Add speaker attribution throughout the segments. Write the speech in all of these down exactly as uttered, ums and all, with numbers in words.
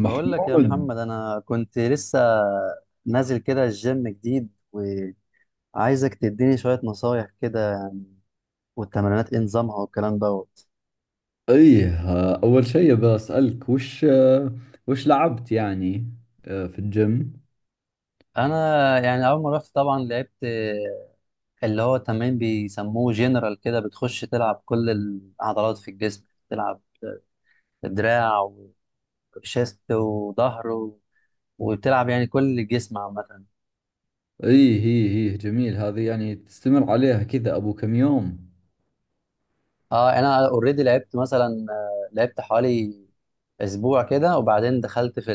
Speaker 1: بقول لك يا محمد انا كنت لسه نازل كده الجيم جديد، وعايزك تديني شوية نصايح كده يعني، والتمرينات ايه نظامها والكلام دوت.
Speaker 2: ايه اول شيء بسألك وش وش لعبت يعني آه، في الجيم.
Speaker 1: انا يعني اول ما رحت طبعا لعبت اللي هو تمرين بيسموه جنرال كده، بتخش تلعب كل العضلات في الجسم. تلعب دراع وشيست وظهر و- وبتلعب يعني كل الجسم عامة.
Speaker 2: ايه هي هي جميل هذه، يعني تستمر عليها كذا ابو كم يوم؟
Speaker 1: اه، انا اوريدي لعبت مثلا، آه، لعبت حوالي اسبوع كده، وبعدين دخلت في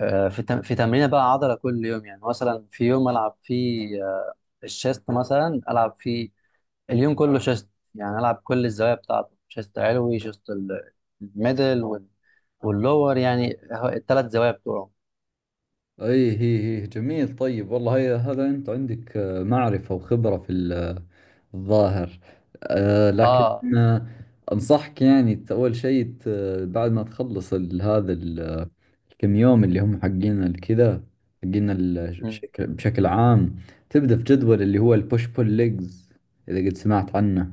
Speaker 1: آه، في تم- في تمرينه بقى عضله كل يوم. يعني مثلا في يوم العب فيه، آه، الشيست مثلا، العب فيه اليوم كله شيست. يعني العب كل الزوايا بتاعته، شيست علوي، شيست ال- الميدل، وال- واللور يعني، الثلاث زوايا بتوعه.
Speaker 2: اي هي هي جميل. طيب والله هي هذا، انت عندك آه، معرفة وخبرة في ال- آه، الظاهر. آه، لكن
Speaker 1: اه.
Speaker 2: آه، انصحك يعني ت- اول شيء ت- بعد ما تخلص ال- هذا ال- آه، الكم يوم اللي هم حقين الكذا، حقين
Speaker 1: مم.
Speaker 2: الشكل بشكل عام. تبدأ في جدول اللي هو البوش بول ليجز اذا قد سمعت عنه.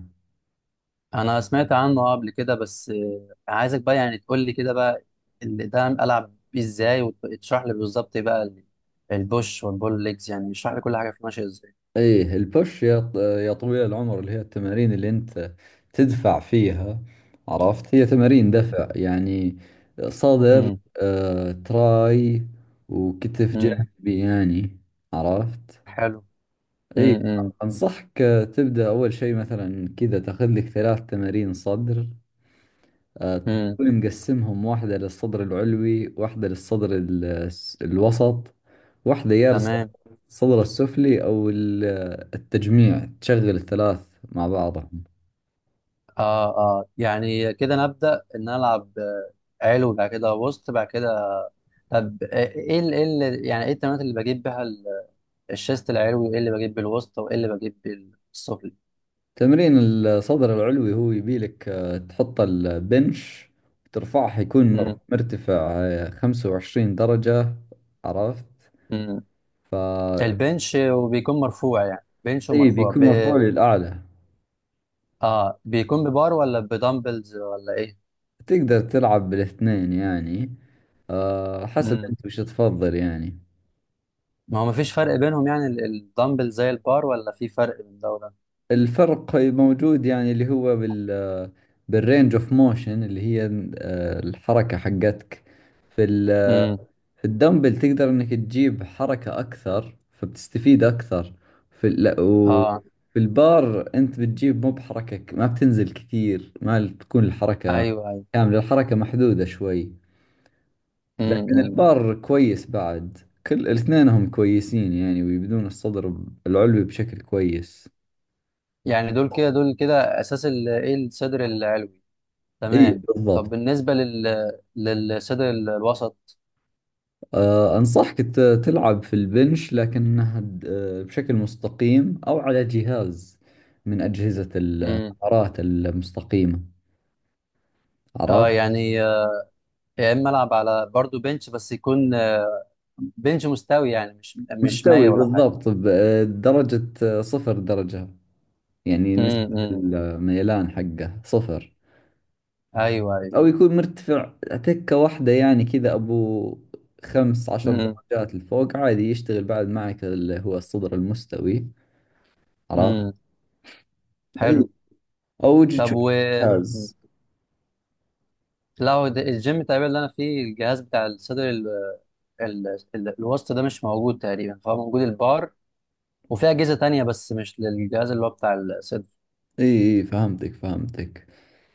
Speaker 1: انا سمعت عنه آه قبل كده، بس آه، عايزك بقى يعني تقول لي كده بقى اللي ده العب بيه ازاي، وتشرح لي بالظبط إيه بقى ال- البوش والبول ليجز. يعني اشرح لي كل حاجه فيه ماشيه ازاي.
Speaker 2: ايه البوش، يا ط- يا طويل العمر، اللي هي التمارين اللي انت تدفع فيها. عرفت، هي تمارين
Speaker 1: مم.
Speaker 2: دفع يعني صدر،
Speaker 1: مم.
Speaker 2: آه، تراي، وكتف
Speaker 1: مم.
Speaker 2: جانبي يعني. عرفت؟
Speaker 1: حلو.
Speaker 2: ايه،
Speaker 1: مم.
Speaker 2: انصحك آه، تبدأ اول شيء مثلا كذا تاخذ لك ثلاث تمارين صدر، آه،
Speaker 1: امم.
Speaker 2: تكون مقسمهم: واحدة للصدر العلوي، واحدة للصدر ال- الوسط، واحدة يا للصدر
Speaker 1: تمام.
Speaker 2: الصدر السفلي، أو ال- التجميع، تشغل الثلاث مع بعضهم.
Speaker 1: اه اه، يعني كده نبدأ ان أنا العب آه، علو، بعد كده وسط، بعد كده طب. آه، ايه ال- ايه ال- يعني ايه التمارين اللي بجيب بيها ال- الشيست العلوي، وايه اللي بجيب بالوسط، وايه اللي بجيب بالسفلي؟
Speaker 2: تمرين الصدر العلوي هو يبيلك آه، تحط البنش ترفعه يكون مر-
Speaker 1: امم.
Speaker 2: مرتفع آه، خمسة وعشرين درجة. عرفت؟
Speaker 1: امم.
Speaker 2: ف
Speaker 1: البنش وبيكون مرفوع، يعني بنش
Speaker 2: إي،
Speaker 1: ومرفوع
Speaker 2: بيكون
Speaker 1: ب...
Speaker 2: مرفوع للأعلى.
Speaker 1: اه، بيكون ببار ولا بدمبلز ولا ايه؟
Speaker 2: تقدر تلعب بالاثنين يعني، آه، حسب
Speaker 1: امم.
Speaker 2: أنت وش تفضل يعني.
Speaker 1: ما هو مفيش فرق بينهم يعني ال- الدمبل زي البار، ولا في فرق بين ده وده؟
Speaker 2: الفرق موجود يعني، اللي هو بال بالرينج اوف موشن، اللي هي آه، الحركة حقتك. في ال-
Speaker 1: امم.
Speaker 2: في الدمبل تقدر انك تجيب حركة اكثر فبتستفيد اكثر. في ال... لا، و-
Speaker 1: اه.
Speaker 2: في البار انت بتجيب مو بحركة، ك- ما بتنزل كثير، ما تكون الحركة
Speaker 1: ايوه ايوه.
Speaker 2: كاملة، الحركة محدودة شوي. لكن
Speaker 1: امم.
Speaker 2: البار كويس بعد، كل الاثنين هم كويسين يعني، ويبدون الصدر العلوي بشكل كويس.
Speaker 1: يعني دول كده، دول كده اساس ال- ايه الصدر العلوي.
Speaker 2: اي
Speaker 1: تمام. طب
Speaker 2: بالضبط.
Speaker 1: بالنسبه لل للصدر ال- الوسط؟
Speaker 2: آه، أنصحك ت- تلعب في البنش لكنها د- آه، بشكل مستقيم، أو على جهاز من أجهزة
Speaker 1: امم.
Speaker 2: الحرارات المستقيمة.
Speaker 1: اه
Speaker 2: عرفت؟
Speaker 1: يعني، آه، يا اما العب على برضو بنش، بس يكون آه، بنش مستوي يعني، مش مش مايل
Speaker 2: مستوي
Speaker 1: ولا حاجه.
Speaker 2: بالضبط، بدرجة صفر درجة. يعني
Speaker 1: امم.
Speaker 2: نسبة
Speaker 1: امم.
Speaker 2: الميلان حقه صفر،
Speaker 1: ايوه ايوه.
Speaker 2: أو يكون مرتفع تكة واحدة يعني كذا أبو خمس عشر
Speaker 1: امم.
Speaker 2: درجات لفوق عادي، يشتغل بعد معك اللي هو الصدر المستوي. عرفت؟
Speaker 1: امم.
Speaker 2: أي،
Speaker 1: حلو.
Speaker 2: أو
Speaker 1: طب
Speaker 2: تشوف
Speaker 1: و مم.
Speaker 2: جهاز.
Speaker 1: لا، هو ده- الجيم تقريبا اللي انا فيه، الجهاز بتاع الصدر ال... ال... ال... الوسط ده مش موجود تقريبا، فهو موجود البار وفي اجهزه تانية، بس مش للجهاز اللي هو بتاع الصدر.
Speaker 2: اي اي فهمتك فهمتك.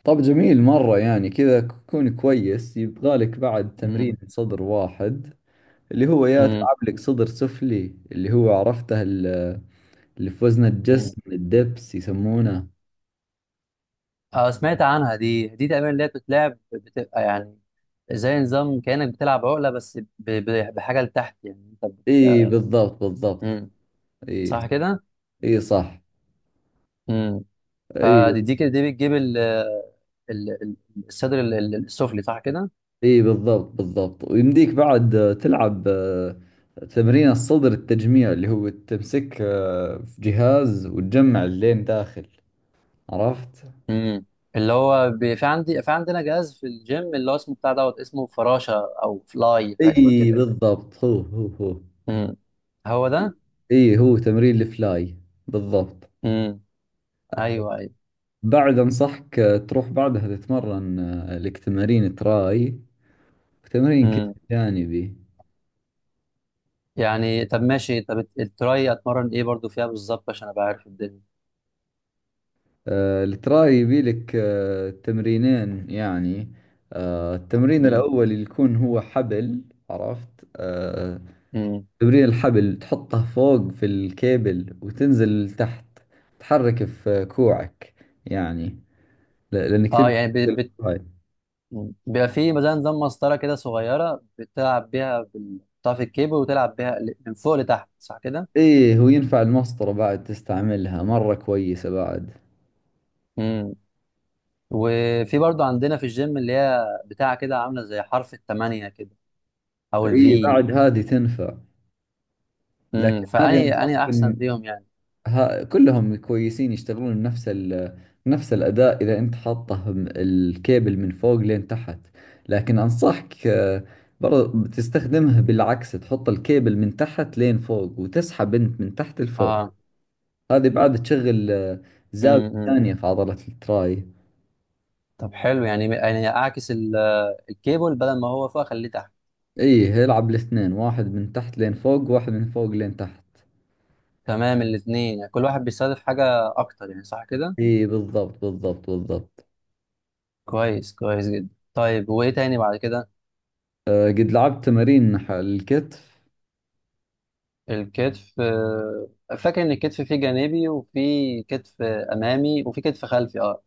Speaker 2: طب جميل مرة يعني، كذا كون كويس. يبغالك بعد تمرين صدر واحد، اللي هو يا
Speaker 1: امم.
Speaker 2: تلعب لك صدر سفلي، اللي هو عرفته ال- اللي في وزن
Speaker 1: امم.
Speaker 2: الجسم، الدبس يسمونه.
Speaker 1: اه، سمعت عنها دي دي تقريبا اللي هي بتتلعب، بتبقى يعني زي نظام كأنك بتلعب عقلة، بس ب... ب... بحاجة لتحت، يعني انت بت...
Speaker 2: اي يلا، بالضبط بالضبط.
Speaker 1: امم.
Speaker 2: اي.
Speaker 1: صح كده؟
Speaker 2: اي صح.
Speaker 1: امم.
Speaker 2: اي
Speaker 1: فدي دي كده دي بتجيب ال... ال... ال- الصدر ال- ال- السفلي، صح كده؟
Speaker 2: اي بالضبط بالضبط، ويمديك بعد آه، تلعب آه، تمرين الصدر التجميع، اللي هو تمسك آه، في جهاز وتجمع اللين داخل. عرفت؟
Speaker 1: امم. اللي هو ب... في عندي في عندنا جهاز في الجيم اللي هو اسمه بتاع دوت، اسمه فراشة او فلاي، حاجة شبه
Speaker 2: اي
Speaker 1: كده.
Speaker 2: بالضبط، هو هو هو.
Speaker 1: امم. هو ده؟
Speaker 2: اي، هو تمرين الفلاي بالضبط.
Speaker 1: امم. ايوه
Speaker 2: بعد انصحك آه، تروح بعدها تتمرن آه، لك تمارين تراي وتمرين كتف
Speaker 1: ايوه.
Speaker 2: جانبي.
Speaker 1: يعني طب ماشي، طب التراي اتمرن ايه برضو فيها بالظبط عشان ابقى عارف الدنيا؟
Speaker 2: آه، التراي يبي لك آه، تمرينين يعني، آه، التمرين
Speaker 1: مم.
Speaker 2: الاول اللي يكون هو حبل. عرفت؟ آه،
Speaker 1: مم.
Speaker 2: تمرين الحبل تحطه فوق في الكيبل وتنزل تحت، تحرك في كوعك يعني، ل- لانك
Speaker 1: اه
Speaker 2: تبي
Speaker 1: يعني بت...
Speaker 2: تنزل.
Speaker 1: بت... مم. بيبقى في مثلا نظام مسطره كده صغيره، بتلعب بيها بال- بتقطع في الكيبل وتلعب بيها ل- من فوق لتحت، صح كده؟
Speaker 2: ايه، وينفع المسطرة بعد، تستعملها مرة كويسة بعد.
Speaker 1: مم. وفي برضو عندنا في الجيم، اللي هي بتاع كده عامله زي حرف الثمانيه كده او
Speaker 2: ايه،
Speaker 1: الفي.
Speaker 2: بعد هذه تنفع.
Speaker 1: امم،
Speaker 2: لكن هذه
Speaker 1: فاني
Speaker 2: انصحك
Speaker 1: اني احسن
Speaker 2: ان
Speaker 1: فيهم يعني.
Speaker 2: ها كلهم كويسين، يشتغلون نفس ال نفس الأداء إذا أنت حاطه م- الكيبل من فوق لين تحت. لكن أنصحك آه، برضه تستخدمها بالعكس، تحط الكيبل من تحت لين فوق وتسحب أنت من تحت لفوق.
Speaker 1: اه.
Speaker 2: هذه بعد تشغل آه، زاوية
Speaker 1: امم.
Speaker 2: ثانية في عضلة التراي.
Speaker 1: طب حلو، يعني يعني اعكس ال- الكيبل، بدل ما هو فوق اخليه تحت.
Speaker 2: ايه، العب الاثنين: واحد من تحت لين فوق، واحد من فوق لين تحت.
Speaker 1: تمام. الاثنين يعني كل واحد بيستهدف حاجة أكتر يعني، صح كده؟
Speaker 2: اي بالضبط بالضبط بالضبط.
Speaker 1: كويس، كويس جدا. طيب وإيه تاني بعد كده؟
Speaker 2: أه، قد لعبت تمارين ح- الكتف.
Speaker 1: الكتف، آه، فاكر إن الكتف فيه جانبي، وفيه كتف أمامي، وفيه كتف خلفي، أه.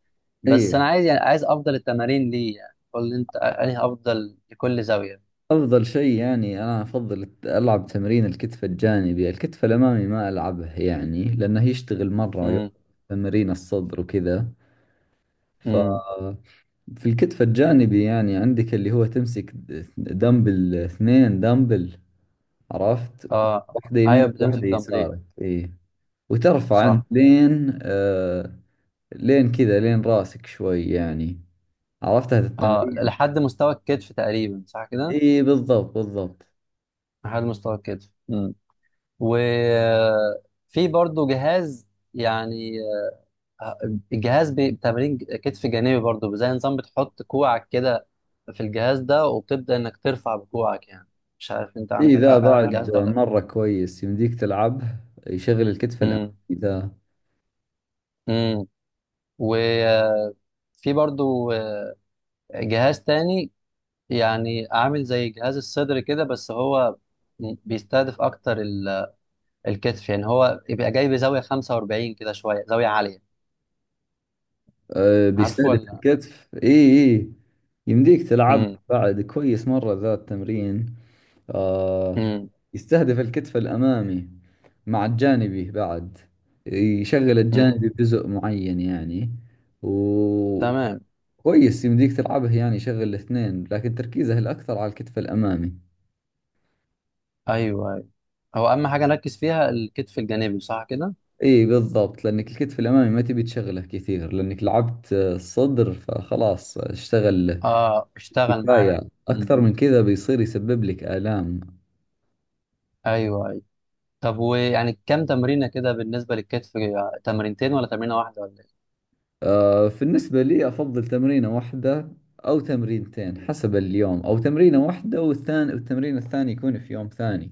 Speaker 2: اي،
Speaker 1: بس أنا عايز، يعني عايز أفضل التمارين ليه، يعني قول لي أنت أنهي أفضل لكل زاوية.
Speaker 2: افضل شيء يعني، انا افضل الت- العب تمرين الكتف الجانبي. الكتف الامامي ما العبه يعني، لانه يشتغل مرة يوم
Speaker 1: امم.
Speaker 2: تمرين الصدر وكذا. ف
Speaker 1: امم.
Speaker 2: في الكتف الجانبي يعني، عندك اللي هو تمسك د- دمبل، اثنين دمبل. عرفت؟
Speaker 1: أه.
Speaker 2: واحدة
Speaker 1: أيوه،
Speaker 2: يمينك
Speaker 1: بتمسك
Speaker 2: واحدة
Speaker 1: دمبلين.
Speaker 2: يسارك. اي، وترفع انت
Speaker 1: صح.
Speaker 2: لين آه لين كذا لين راسك شوي يعني. عرفتها في
Speaker 1: أه،
Speaker 2: التمرين؟
Speaker 1: لحد مستوى الكتف تقريبا، صح كده؟
Speaker 2: اي بالضبط بالضبط.
Speaker 1: لحد مستوى الكتف. امم. وفي برضه جهاز يعني، الجهاز بي- بتمرين كتف جانبي برضو، زي نظام بتحط كوعك كده في الجهاز ده، وبتبدأ انك ترفع بكوعك يعني. مش عارف انت
Speaker 2: اي،
Speaker 1: عندك
Speaker 2: ذا
Speaker 1: آه، تعرف الجهاز
Speaker 2: بعد
Speaker 1: ده ولا لا؟
Speaker 2: مرة كويس، يمديك تلعبه، يشغل الكتف الأمامي
Speaker 1: امم.
Speaker 2: ذا.
Speaker 1: امم. وفي برضو آه، جهاز تاني يعني، عامل زي جهاز الصدر كده، بس هو م- بيستهدف اكتر ال- الكتف يعني، هو يبقى جاي بزاوية خمسة وأربعين كده، شوية زاوية عالية.
Speaker 2: أه،
Speaker 1: عارفه
Speaker 2: بيستهدف
Speaker 1: ولا؟
Speaker 2: الكتف، اي اي. يمديك تلعب
Speaker 1: امم.
Speaker 2: بعد كويس مرة ذا التمرين. أه،
Speaker 1: امم.
Speaker 2: يستهدف الكتف الأمامي مع الجانبي بعد. يشغل
Speaker 1: امم.
Speaker 2: الجانبي بجزء معين يعني، و
Speaker 1: تمام.
Speaker 2: كويس يمديك تلعبه يعني، يشغل الاثنين لكن تركيزه الأكثر على الكتف الأمامي.
Speaker 1: ايوه، أيوة. هو اهم حاجة نركز فيها الكتف الجانبي، صح كده؟
Speaker 2: اي بالضبط، لانك الكتف الامامي ما تبي تشغله كثير، لانك لعبت آه، الصدر فخلاص اشتغل
Speaker 1: اه، اشتغل معايا.
Speaker 2: كفاية.
Speaker 1: مم.
Speaker 2: اكثر من كذا بيصير يسبب لك الام.
Speaker 1: ايوه ايوه. طب، ويعني كام تمرينه كده بالنسبه للكتف، آه، تمرينتين ولا تمرينه واحده ولا ايه؟
Speaker 2: آه، بالنسبة لي افضل تمرينة واحدة او تمرينتين حسب اليوم، او تمرينة واحدة والثاني، والتمرين الثاني يكون في يوم ثاني.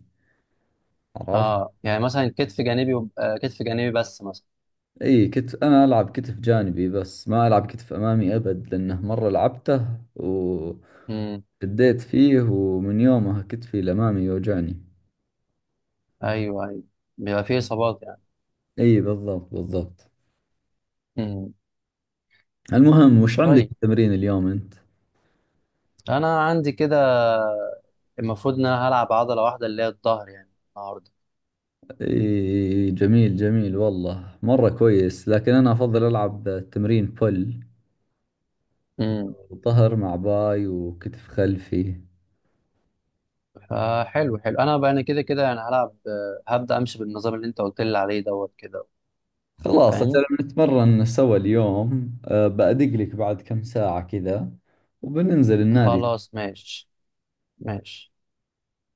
Speaker 2: عرفت؟
Speaker 1: اه، يعني مثلا كتف جانبي وب- آه، كتف جانبي بس مثلا.
Speaker 2: اي، كتف انا العب كتف جانبي بس، ما العب كتف امامي ابد، لانه مرة لعبته
Speaker 1: امم.
Speaker 2: وشديت فيه، ومن يومها كتفي الامامي يوجعني.
Speaker 1: ايوه ايوه. بيبقى فيه اصابات يعني.
Speaker 2: اي بالضبط بالضبط.
Speaker 1: امم.
Speaker 2: المهم، وش عندك
Speaker 1: طيب،
Speaker 2: تمرين اليوم انت؟
Speaker 1: انا عندي كده المفروض ان انا هلعب عضله واحده اللي هي الظهر يعني النهارده.
Speaker 2: اي جميل جميل والله، مرة كويس، لكن انا افضل العب تمرين بول،
Speaker 1: امم.
Speaker 2: ظهر مع باي وكتف خلفي.
Speaker 1: فحلو، حلو. انا بقى انا كده كده يعني هلعب، آه، هبدا امشي بالنظام اللي انت قلت لي عليه دوت كده.
Speaker 2: خلاص اجل
Speaker 1: فاهم.
Speaker 2: نتمرن سوا اليوم. أه، بأدق لك بعد كم ساعة كذا وبننزل النادي.
Speaker 1: خلاص ماشي. ماشي.